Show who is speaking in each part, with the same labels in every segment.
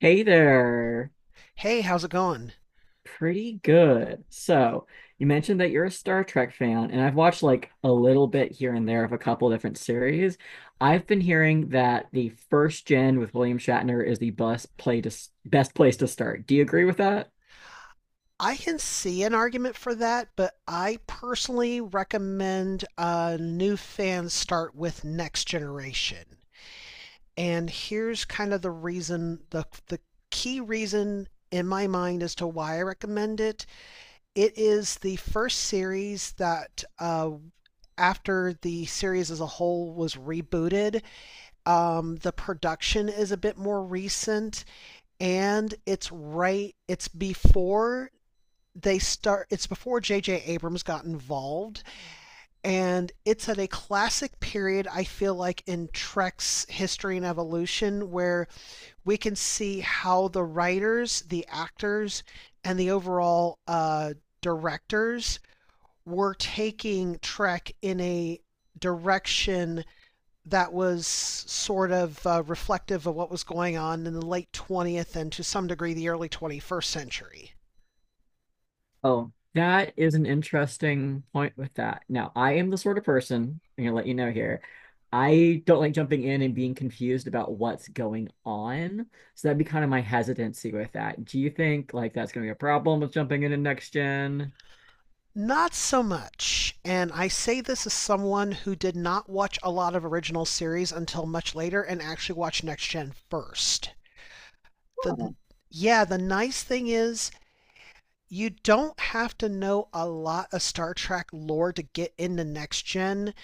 Speaker 1: Hey there.
Speaker 2: Hey, how's it going?
Speaker 1: Pretty good. So, you mentioned that you're a Star Trek fan, and I've watched like a little bit here and there of a couple different series. I've been hearing that the first gen with William Shatner is the best place to start. Do you agree with that?
Speaker 2: I can see an argument for that, but I personally recommend new fans start with Next Generation. And here's kind of the reason, the key reason in my mind as to why I recommend it. It is the first series that, after the series as a whole was rebooted, the production is a bit more recent and it's right, it's before they start it's before JJ Abrams got involved, and it's at a classic period I feel like in Trek's history and evolution where we can see how the writers, the actors, and the overall directors were taking Trek in a direction that was sort of reflective of what was going on in the late 20th and to some degree the early 21st century.
Speaker 1: Oh, that is an interesting point with that. Now, I am the sort of person, I'm gonna let you know here. I don't like jumping in and being confused about what's going on. So that'd be kind of my hesitancy with that. Do you think like that's gonna be a problem with jumping into next gen?
Speaker 2: Not so much. And I say this as someone who did not watch a lot of original series until much later and actually watched Next Gen first.
Speaker 1: Huh.
Speaker 2: The Yeah, the nice thing is you don't have to know a lot of Star Trek lore to get into Next Gen.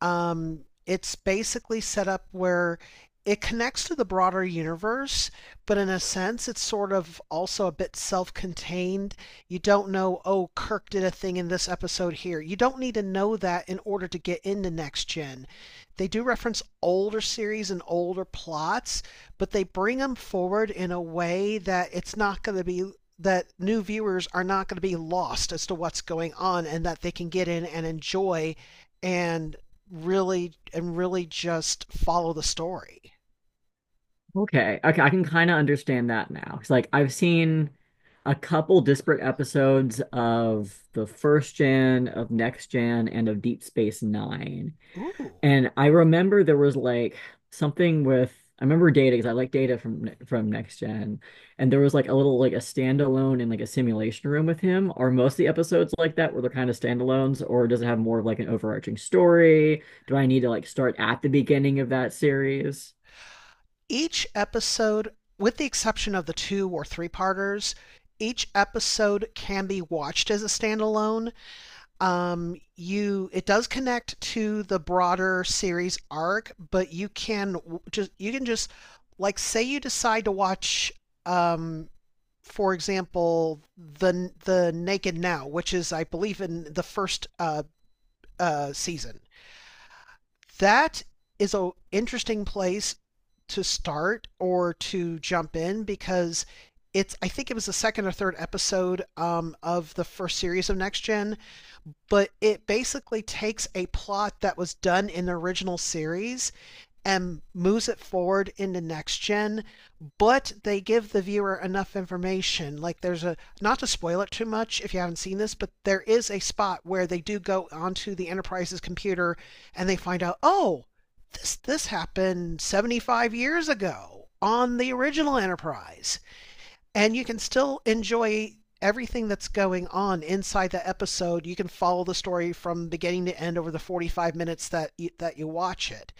Speaker 2: um, it's basically set up where it connects to the broader universe, but in a sense, it's sort of also a bit self contained. You don't know, oh, Kirk did a thing in this episode here. You don't need to know that in order to get into Next Gen. They do reference older series and older plots, but they bring them forward in a way that it's not going to be that new viewers are not going to be lost as to what's going on and that they can get in and enjoy and really just follow the story.
Speaker 1: Okay. Okay, I can kind of understand that now. It's like I've seen a couple disparate episodes of the first gen, of next gen, and of Deep Space Nine.
Speaker 2: Ooh.
Speaker 1: And I remember there was like something with I remember Data because I like Data from Next Gen, and there was like a little like a standalone in like a simulation room with him. Are most of the episodes like that where they're kind of standalones, or does it have more of like an overarching story? Do I need to like start at the beginning of that series?
Speaker 2: Each episode, with the exception of the two or three parters, each episode can be watched as a standalone. You It does connect to the broader series arc, but you can just like say you decide to watch um for example the naked now, which is I believe in the first season that is a interesting place to start or to jump in because it's I think it was the second or third episode, of the first series of Next Gen, but it basically takes a plot that was done in the original series and moves it forward into Next Gen, but they give the viewer enough information. Like there's a not to spoil it too much if you haven't seen this, but there is a spot where they do go onto the Enterprise's computer and they find out, oh, this happened 75 years ago on the original Enterprise, and you can still enjoy everything that's going on inside that episode. You can follow the story from beginning to end over the 45 minutes that you watch it.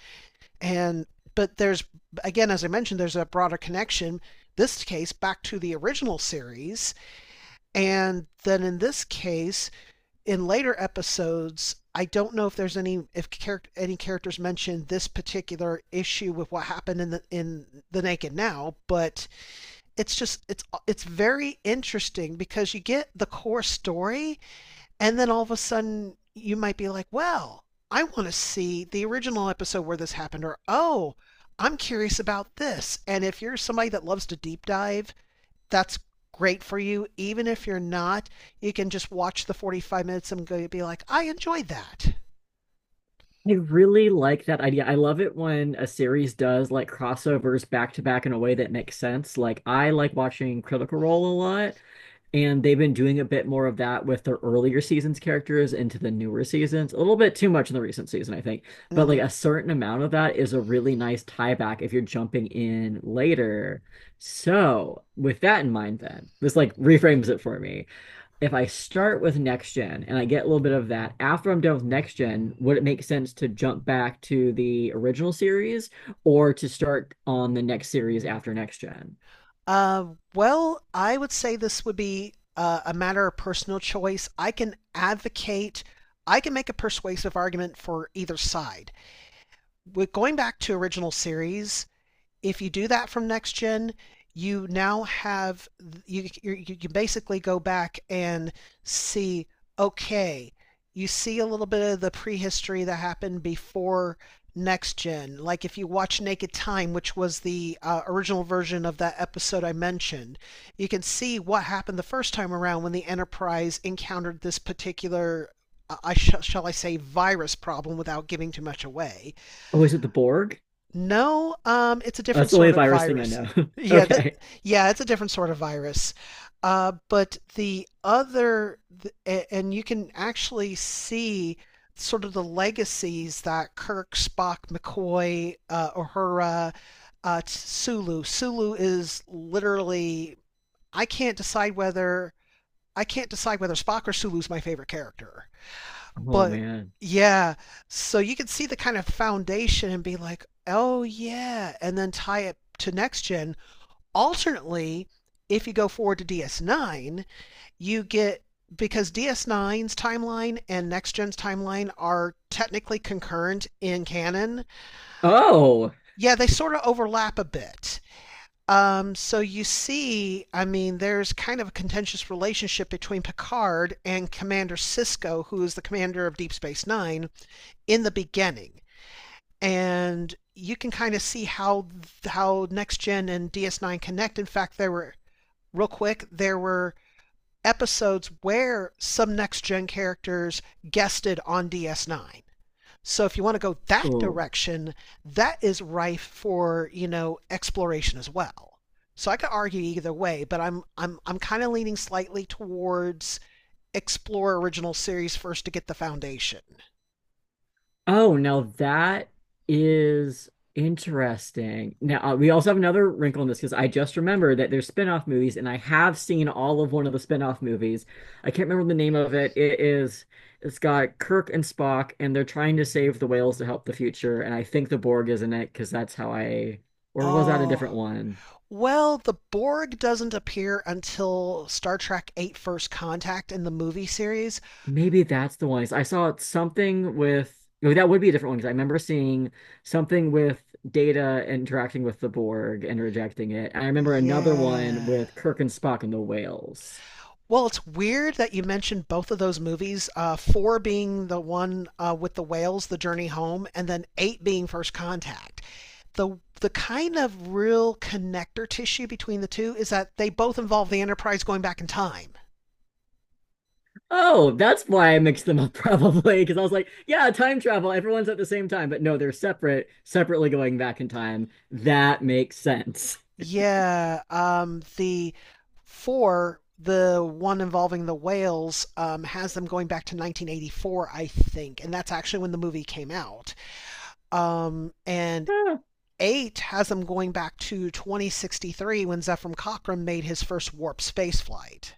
Speaker 2: And but there's again, as I mentioned, there's a broader connection. This case back to the original series, and then in this case, in later episodes, I don't know if there's any if character any characters mentioned this particular issue with what happened in the Naked Now, but it's just it's very interesting because you get the core story, and then all of a sudden you might be like, well, I want to see the original episode where this happened, or oh, I'm curious about this. And if you're somebody that loves to deep dive, that's great for you. Even if you're not, you can just watch the 45 minutes and go, be like, I enjoyed that.
Speaker 1: I really like that idea. I love it when a series does like crossovers back to back in a way that makes sense. Like I like watching Critical Role a lot. And they've been doing a bit more of that with their earlier seasons characters into the newer seasons. A little bit too much in the recent season, I think. But like
Speaker 2: Mm.
Speaker 1: a certain amount of that is a really nice tie back if you're jumping in later. So, with that in mind, then, this like reframes it for me. If I start with next gen and I get a little bit of that, after I'm done with next gen, would it make sense to jump back to the original series or to start on the next series after next gen?
Speaker 2: Uh, well, I would say this would be a matter of personal choice. I can advocate, I can make a persuasive argument for either side. With going back to original series, if you do that from next gen, you now have you can basically go back and see okay, you see a little bit of the prehistory that happened before next gen. Like if you watch Naked Time, which was the original version of that episode I mentioned, you can see what happened the first time around when the Enterprise encountered this particular, shall I say, virus problem without giving too much away.
Speaker 1: Oh, is it the Borg?
Speaker 2: No, it's a different
Speaker 1: That's the only
Speaker 2: sort of
Speaker 1: virus thing I
Speaker 2: virus.
Speaker 1: know.
Speaker 2: Yeah, that
Speaker 1: Okay.
Speaker 2: yeah, it's a different sort of virus. But the other, and you can actually see sort of the legacies that Kirk, Spock, McCoy, Uhura, Sulu. Sulu is literally I can't decide whether I can't decide whether Spock or Sulu's my favorite character.
Speaker 1: Oh
Speaker 2: But
Speaker 1: man.
Speaker 2: yeah, so you can see the kind of foundation and be like, oh yeah, and then tie it to next gen. Alternately, if you go forward to DS9, you get because ds Nine's timeline and next gen's timeline are technically concurrent in canon.
Speaker 1: Oh.
Speaker 2: Yeah, they sort of overlap a bit. So you see, I mean, there's kind of a contentious relationship between Picard and Commander Cisco, who is the commander of Deep Space Nine, in the beginning. And you can kind of see how next gen and DS9 connect. In fact, there were episodes where some next gen characters guested on DS9. So if you want to go that
Speaker 1: Oh.
Speaker 2: direction, that is rife for, you know, exploration as well. So I could argue either way, but I'm kind of leaning slightly towards explore original series first to get the foundation.
Speaker 1: Oh, now that is interesting. Now, we also have another wrinkle in this because I just remembered that there's spin-off movies and I have seen all of one of the spin-off movies. I can't remember the name of it. It is It's got Kirk and Spock and they're trying to save the whales to help the future and I think the Borg is in it because that's how I or was that a
Speaker 2: Oh,
Speaker 1: different one?
Speaker 2: well, the Borg doesn't appear until Star Trek 8: First Contact in the movie series.
Speaker 1: Maybe that's the one. I saw something with, no, that would be a different one because I remember seeing something with Data interacting with the Borg and rejecting it. I remember another one
Speaker 2: Yeah.
Speaker 1: with Kirk and Spock and the whales.
Speaker 2: Well, it's weird that you mentioned both of those movies, four being the one with the whales, The Journey Home, and then eight being First Contact. The kind of real connector tissue between the two is that they both involve the Enterprise going back in time.
Speaker 1: Oh, that's why I mixed them up probably because I was like, yeah, time travel, everyone's at the same time, but no, they're separate, separately going back in time. That makes sense.
Speaker 2: Yeah, the four, the one involving the whales, has them going back to 1984, I think, and that's actually when the movie came out. And Eight has them going back to 2063 when Zephram Cochrane made his first warp space flight.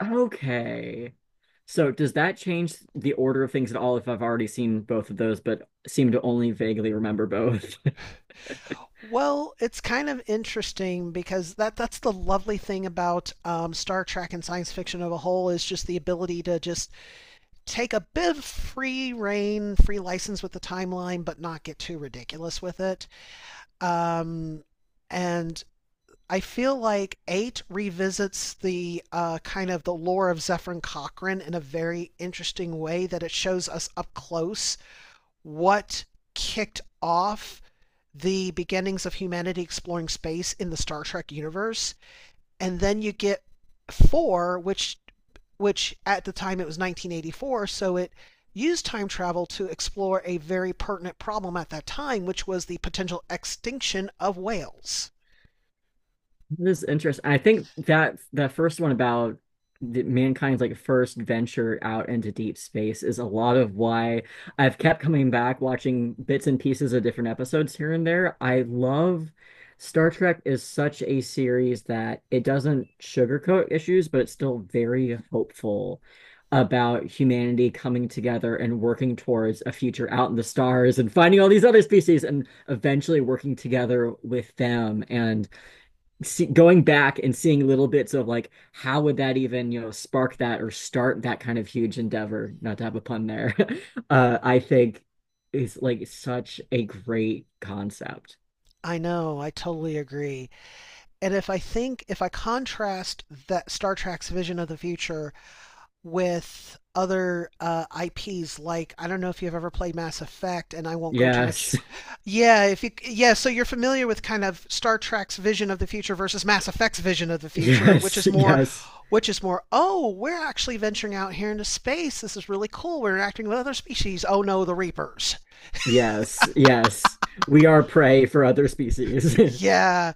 Speaker 1: Okay. So does that change the order of things at all if I've already seen both of those, but seem to only vaguely remember both?
Speaker 2: Well, it's kind of interesting because that's the lovely thing about Star Trek and science fiction of a whole is just the ability to just take a bit of free reign, free license with the timeline, but not get too ridiculous with it. Um, and I feel like eight revisits the kind of the lore of Zephyrin Cochrane in a very interesting way that it shows us up close what kicked off the beginnings of humanity exploring space in the Star Trek universe. And then you get four, which at the time it was 1984, so it used time travel to explore a very pertinent problem at that time, which was the potential extinction of whales.
Speaker 1: This is interesting. I think that that first one about mankind's like first venture out into deep space is a lot of why I've kept coming back watching bits and pieces of different episodes here and there. I love Star Trek is such a series that it doesn't sugarcoat issues, but it's still very hopeful about humanity coming together and working towards a future out in the stars and finding all these other species and eventually working together with them and see, going back and seeing little bits of like how would that even spark that or start that kind of huge endeavor, not to have a pun there. I think is like such a great concept.
Speaker 2: I know, I totally agree. And if I think, If I contrast that Star Trek's vision of the future with other IPs. Like I don't know if you've ever played Mass Effect, and I won't go too
Speaker 1: Yes.
Speaker 2: much. Yeah, if you yeah, so you're familiar with kind of Star Trek's vision of the future versus Mass Effect's vision of the future,
Speaker 1: Yes, yes.
Speaker 2: which is more. Oh, we're actually venturing out here into space. This is really cool. We're interacting with other species. Oh no, the Reapers.
Speaker 1: Yes, yes, we are prey for other species.
Speaker 2: Yeah.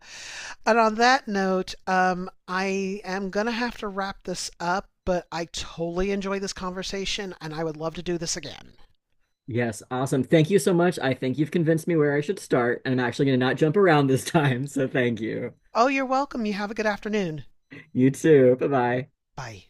Speaker 2: And on that note, I am gonna have to wrap this up. But I totally enjoyed this conversation and I would love to do this again.
Speaker 1: Yes, awesome. Thank you so much. I think you've convinced me where I should start, and I'm actually going to not jump around this time. So thank you.
Speaker 2: Oh, you're welcome. You have a good afternoon.
Speaker 1: You too. Bye bye.
Speaker 2: Bye.